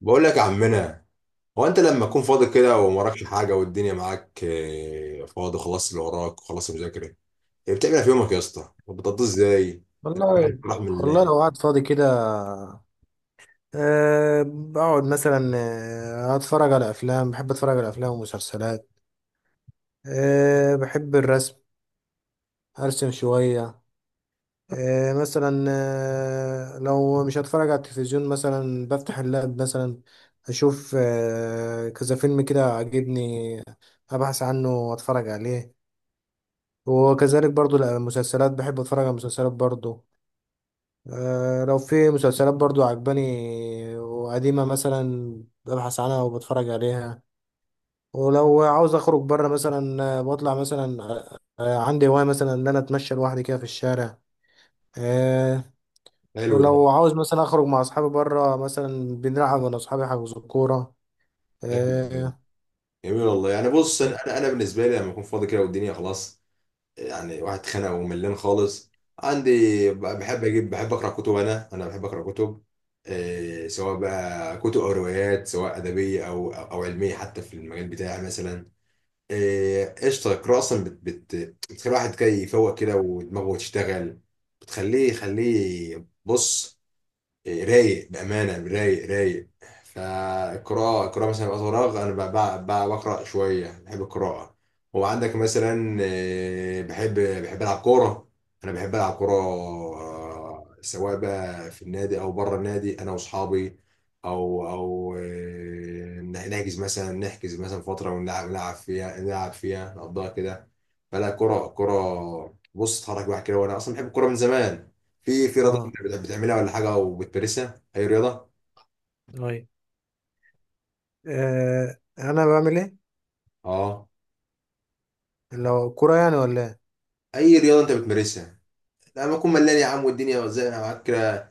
بقول لك يا عمنا. هو انت لما تكون فاضي كده ومراكش حاجه والدنيا معاك فاضي خلاص اللي وراك وخلاص المذاكره، إيه بتعمل؟ إيه في يومك يا اسطى بتقضيه ازاي؟ والله رحم والله الله. لو قعد فاضي كده، بقعد مثلا، اتفرج على افلام. بحب اتفرج على افلام ومسلسلات. بحب الرسم، ارسم شوية. مثلا لو مش هتفرج على التلفزيون مثلا بفتح اللاب مثلا، اشوف كذا فيلم كده عاجبني، ابحث عنه واتفرج عليه. وكذلك برضو المسلسلات، بحب اتفرج على المسلسلات برضو. لو في مسلسلات برضو عجباني وقديمة مثلا، ببحث عنها وبتفرج عليها. ولو عاوز اخرج بره مثلا، بطلع مثلا، عندي هواية مثلا ان انا اتمشى لوحدي كده في الشارع. آه، حلو ده. ولو عاوز مثلا اخرج مع اصحابي بره مثلا، بنلعب انا واصحابي حجز الكورة. حلو جميل. اه. جميل والله. يعني بص انا انا أنا بالنسبه لي لما اكون فاضي كده والدنيا خلاص، يعني واحد خانق وملان خالص، عندي بحب اقرا كتب، انا بحب اقرا كتب. سواء بقى كتب او روايات، سواء ادبيه او علميه، حتى في المجال بتاعي مثلا. قشطة. القراءة أصلا بت بت بتخلي الواحد كده يفوق كده، ودماغه تشتغل. يخليه بص، رايق بأمانة، رايق. فالقراءة، القراءة مثلا وقت فراغ أنا بقرأ شوية، بحب القراءة. هو عندك مثلا بحب ألعب كورة. أنا بحب ألعب كورة، سواء بقى في النادي أو بره النادي، أنا وأصحابي. أو أو آه، نحجز مثلا، نحجز مثلا فترة ونلعب، نلعب فيها نقضيها كده. فلا، كرة بص، اتحرك الواحد كده. وأنا أصلا بحب الكورة من زمان. في في رياضة انت اه. بتعملها ولا حاجة وبتمارسها؟ أي رياضة؟ أي. انا بعمل ايه، اه، لو كورة يعني ولا إيه؟ أي رياضة انت بتمارسها لما أكون ملان يا عم والدنيا زي معاك كده؟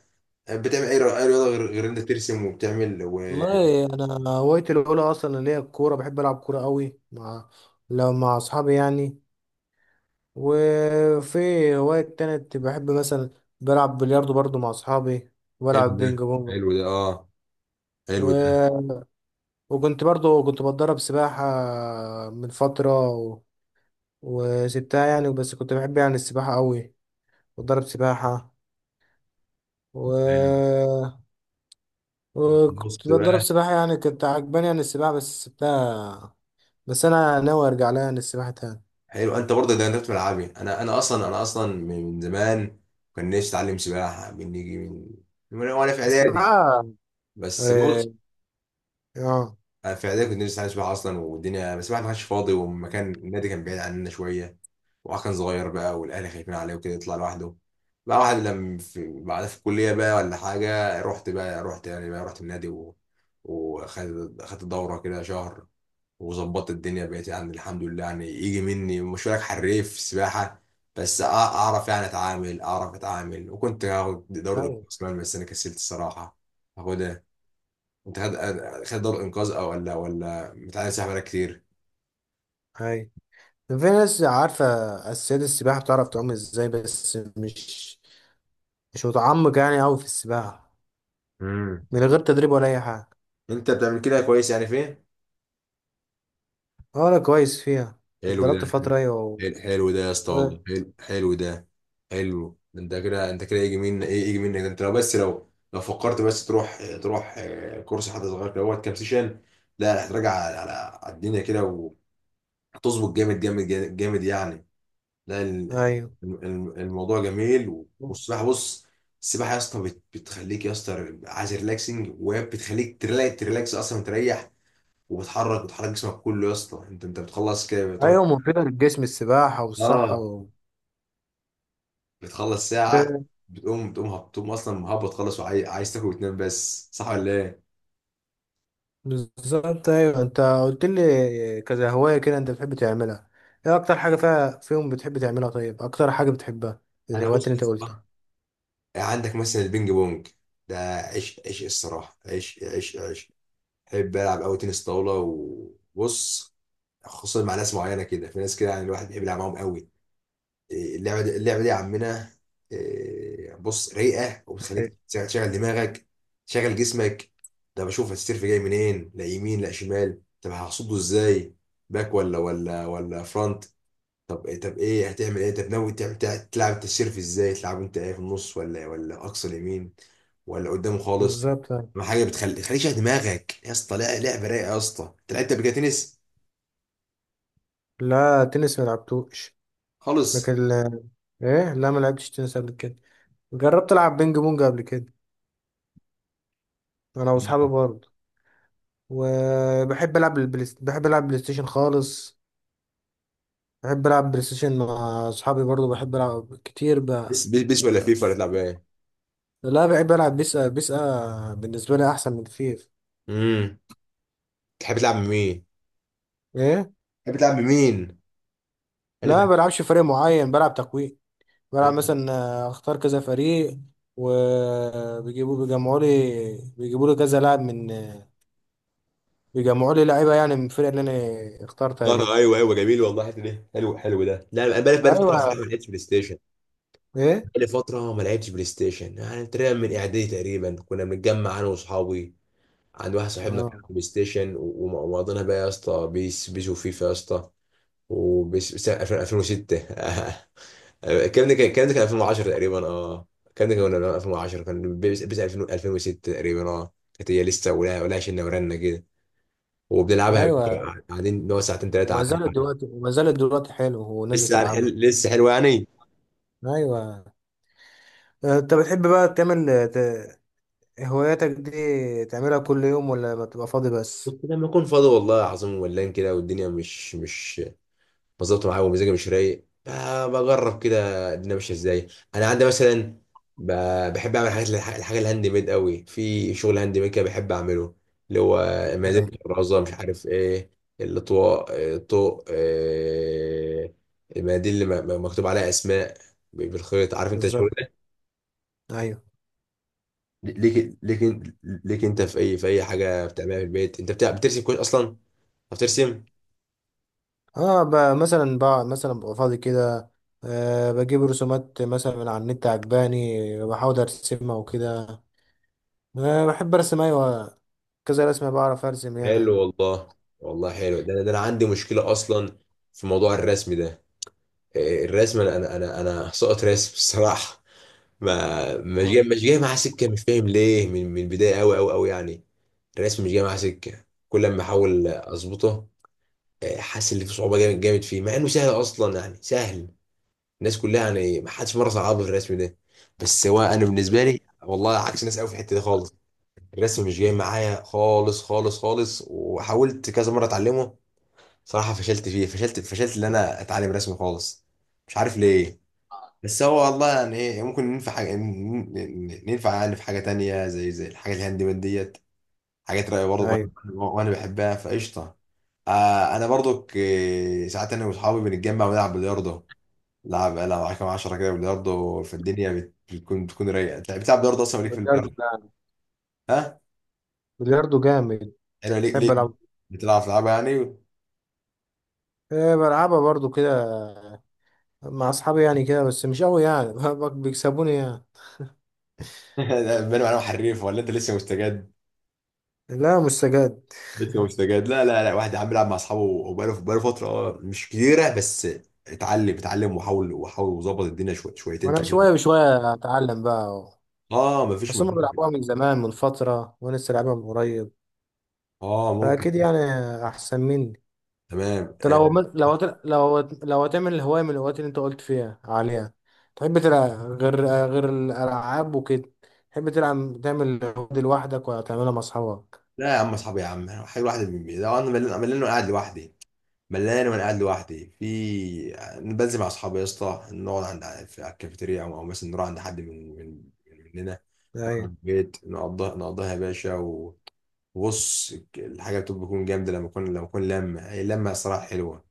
بتعمل أي رياضة، أي رياضة غير انت ترسم وبتعمل و... والله انا هوايتي الاولى اصلا اللي هي الكوره، بحب العب كوره قوي، مع لو مع اصحابي يعني. وفي هوايه تانية بحب مثلا، بلعب بلياردو برضو مع اصحابي، حلو وبلعب ده. بينج بونج. حلو ده اه. حلو ده. و... وكنت برضو بتدرب سباحه من فتره وسبتها يعني. بس كنت بحب يعني السباحه قوي، بتدرب سباحه و... حلو. طب بص بقى. يعني كنت عجباني يعني السباحه بس سبتها. بس انا ناوي ارجع لها يعني السباحه تاني. حلو، انت برضه ده انت في ملعبي. انا اصلا من زمان كان نفسي اتعلم سباحه من نيجي من وانا في بس بقى. اعدادي. بس اه. بص، آه، انا في اعدادي كنت نفسي اتعلم سباحه اصلا والدنيا، بس الواحد ما كانش فاضي والمكان النادي كان بعيد عننا شويه، وهو كان صغير بقى والاهل خايفين عليه وكده يطلع لوحده. بقى واحد لما في بعدها في الكليه بقى ولا حاجه، رحت بقى، رحت يعني بقى رحت النادي و... وخدت دوره كده شهر، وظبطت الدنيا، بقيت يعني الحمد لله يعني يجي مني، مش هقولك حريف سباحه، بس اعرف يعني اتعامل، اعرف اتعامل. وكنت هاخد دوره انقاذ ايوه، كمان، بس انا كسلت الصراحه. هاخدها. انت خد، خد دوره انقاذ. او ولا متعلم سباحه بقالك كتير؟ ايوه، في ناس عارفة أساسيات السباحة، بتعرف تعوم ازاي، بس مش، مش متعمق يعني أوي في السباحة امم. من غير تدريب ولا أي حاجة. انت بتعمل كده كويس يعني فين. اه، أنا كويس فيها. حلو ده اتدربت حلو فترة أيوة حلو حلو ده يا اسطى و... والله. حلو، حلو ده. حلو ده، انت كده، انت كده يجي منك ايه، يجي منك، ده انت لو بس لو فكرت بس تروح، تروح كورس حد صغير كده، وقت كام سيشن، لا هتراجع على الدنيا كده، وهتظبط، جامد يعني. لا ال- أيوه، الم- الموضوع جميل. والسباحه بص، السباحه يا اسطى بتخليك يا اسطى عايز ريلاكسنج، وبتخليك تريلاكس اصلا، تريح، وبتحرك جسمك كله يا اسطى. انت انت بتخلص كده بتقعد، أيوه، مفيدة للجسم السباحة والصحة اه. بتخلص ساعة، آه، بتقوم أصلا مهبط خالص، وعايز تاكل وتنام بس، صح ولا إيه؟ بالظبط. أيوه، أنت قلت لي كذا هواية كده أنت بتحب تعملها، إيه أكتر حاجة فيهم بتحب تعملها؟ طيب أكتر حاجة بتحبها أنا الهوايات بص اللي يا أنت قلتها؟ اسطى، عندك مثلا البينج بونج، ده عيش عيش الصراحة، عيش. بحب ألعب أوي تنس طاولة. وبص، خصوصا مع ناس معينة كده، في ناس كده يعني الواحد بيحب يلعب معاهم أوي. إيه، اللعبه دي يا عمنا، إيه، بص، رايقه، أيوة، وبتخليك تشغل دماغك، تشغل جسمك. ده بشوف السيرف جاي منين، لا يمين لا شمال، طب هصده ازاي، باك ولا فرونت؟ طب إيه، طب ايه هتعمل ايه، طب ناوي تعمل تلعب انت السيرف ازاي، تلعب انت ايه في النص ولا اقصى اليمين، ولا قدامه خالص؟ بالظبط. ما حاجه تخليك تشغل دماغك يا اسطى، لا لعبه رايقه يا اسطى. انت لعبت قبل كده تنس؟ لا، تنس ما لعبتوش، خالص. لكن ايه، لا، ما لعبتش تنس قبل كده. جربت العب بينج بونج قبل كده انا واصحابي برضه. وبحب العب البلاي بحب العب بلاي ستيشن خالص. بحب العب بلاي ستيشن مع اصحابي برضه، بحب العب كتير بيس بقى. بيس بيس ولا فيفا ولا تلعب ايه؟ لا، بحب العب بيسا، بيسا بالنسبه لي احسن من فيف. امم. تحب تلعب مين؟ ايه. تحب تلعب بمين؟ انا لا، ما فاكر بلعبش فريق معين، بلعب تقويم. بلعب مثلا، اختار كذا فريق، بيجمعوا لي، بيجيبوا لي كذا لاعب من بيجمعوا لي لعيبه يعني من الفرقه اللي انا اخترتها فترة. دي. ايوه ايوه، جميل والله، الحته دي حلو. حلو ده، لا انا بقالي فتره صراحه ما ايوه. لعبتش بلاي ستيشن. ايه. بقالي فتره ما لعبتش بلاي ستيشن، يعني تقريبا من اعدادي تقريبا. كنا بنتجمع انا واصحابي عند واحد صاحبنا كان عنده اه. بلاي ستيشن و... ومقضينا بقى يا اسطى بيس بيس وفيفا يا اسطى، وبيس بيس 2006. الكلام ده كان، الكلام ده كان 2010 تقريبا، اه الكلام ده كان 2010، كان بيس بيس 2000 2006 تقريبا، اه كانت هي لسه ولا شلنا ورنا كده وبنلعبها، ايوه. قاعدين نقعد ساعتين ثلاثه. وما زالت دلوقتي حلو، والناس لسه بتلعبها. هنحل، لسه حلوه يعني. ايوه. انت بتحب بقى تعمل ت- هواياتك دي، تعملها كل يوم ولا بتبقى فاضي بس؟ كنت لما اكون فاضي والله العظيم ولان كده والدنيا مش مظبوطه معايا ومزاجي مش رايق، بجرب كده الدنيا ماشيه ازاي. انا عندي مثلا، بحب اعمل حاجات، الحاجه الهاند ميد قوي، في شغل هاند ميد كده بحب اعمله، اللي هو ايوه. مزاد الرازه مش عارف ايه، الاطواق، الطوق، المناديل اللي مكتوب عليها اسماء بالخيط، عارف انت الشغل. بالظبط. ايوه. ليك انت في اي، في اي حاجه بتعملها في البيت، انت بتع... بترسم كويس اصلا، بترسم. اه، مثلا بقى مثلا ببقى فاضي كده، بجيب رسومات مثلا من على النت عجباني بحاول ارسمها وكده. بحب ارسم، ايوه، كذا رسمة بعرف ارسم يعني. حلو والله. والله حلو ده، انا ده انا عندي مشكله اصلا في موضوع الرسم ده، إيه، الرسم، انا سقط رسم الصراحه، ما مش جاي آه. مش جاي معاه سكه، مش فاهم ليه، من البدايه، قوي يعني. الرسم مش جاي معاه سكه، كل ما احاول اظبطه، إيه، حاسس ان في صعوبه جامد فيه، مع انه سهل اصلا يعني، سهل، الناس كلها يعني، ما حدش مره صعبها في الرسم ده، بس هو انا بالنسبه لي والله عكس الناس قوي في الحته دي خالص، الرسم مش جاي معايا، خالص، وحاولت كذا مره اتعلمه صراحه، فشلت فيه، فشلت ان اتعلم رسم خالص، مش عارف ليه. بس هو والله يعني ايه، ممكن ننفع حاجه، ننفع يعني في حاجه تانية، زي الحاجات الهاند ميد ديت، حاجات رايقه برضه، وانا ايوه. وأنا بحبها فقشطه. آه انا برضك، ساعات انا واصحابي بنتجمع ونلعب بلياردو، لعب انا معاك كام 10 كده بلياردو في الدنيا، بتكون، بتكون رايقه. انت بتلعب بلياردو اصلا، ليك في بلياردو البلياردو؟ جامد ها. بلياردو جامد. ايوه، ليك بحب ليك العب. بتلعب، تلعبها يعني. إيه، بلعبها برضو كده مع اصحابي يعني كده، بس مش قوي يعني بيكسبوني يعني. لا، بنو انا حريف ولا انت لسه مستجد؟ لا مش سجاد. لسه مستجد. لا، واحد يا عم بيلعب مع اصحابه وبقاله، فتره اه، مش كتيره، بس اتعلم، وحاول، وظبط الدنيا شويه، شويتين وانا تلاته. شويه بشويه اتعلم بقى أهو. اه، مفيش بس هم مفيش بيلعبوها من زمان من فتره وانا لسه لعبها من قريب، اه ممكن. فاكيد يعني احسن مني. تمام انت آه. لو لو هتعمل الهوايه من الهوايات اللي انت قلت فيها عليها، تحب تلعب، غير غير الالعاب وكده، تحب تلعب تعمل الهواية دي لوحدك ولا تعملها مع اصحابك؟ لا يا عم اصحابي يا عم، حلو واحد من ده انا ملان، وأنا قاعد لوحدي، ملان وانا قاعد لوحدي في، بنزل مع اصحابي يا اسطى، نقعد عند في على الكافيتيريا، أو مثلا نروح عند حد من مننا في ايوه. البيت، نقضيها يا باشا و... وبص الحاجه بتكون جامده لما اكون، لما هي اللمه صراحه حلوه،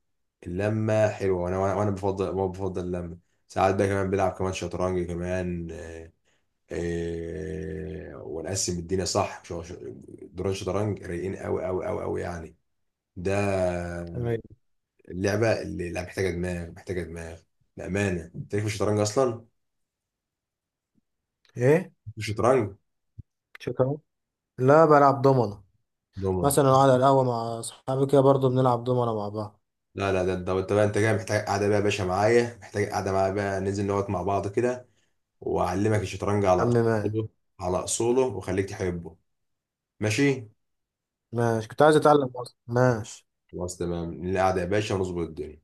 اللمه حلوه، وانا وانا وأنا بفضل ما بفضل اللمه. ساعات بقى كمان بلعب كمان شطرنج كمان، ونقسم الدنيا صح، دوران شطرنج رايقين، قوي يعني. ده ايوه. اللعبه اللي، لا محتاجه دماغ. بامانه، انت ليك في الشطرنج اصلا؟ ايه. مش شطرنج، شكرا. لا، بلعب دومنة دوما. مثلا، قاعد على القهوة مع أصحابي كده برضه بنلعب دومنة مع بعض. يا لا ده انت، انت بقى انت جاي محتاج قاعده بقى يا باشا معايا، محتاج قاعده معايا بقى، ننزل نقعد مع بعض كده، واعلمك الشطرنج على عم ماشي. اصوله، على اصوله، واخليك تحبه. ماشي. ماشي، كنت عايز أتعلم أصلا. ماشي. خلاص تمام، نقعد يا باشا ونظبط الدنيا.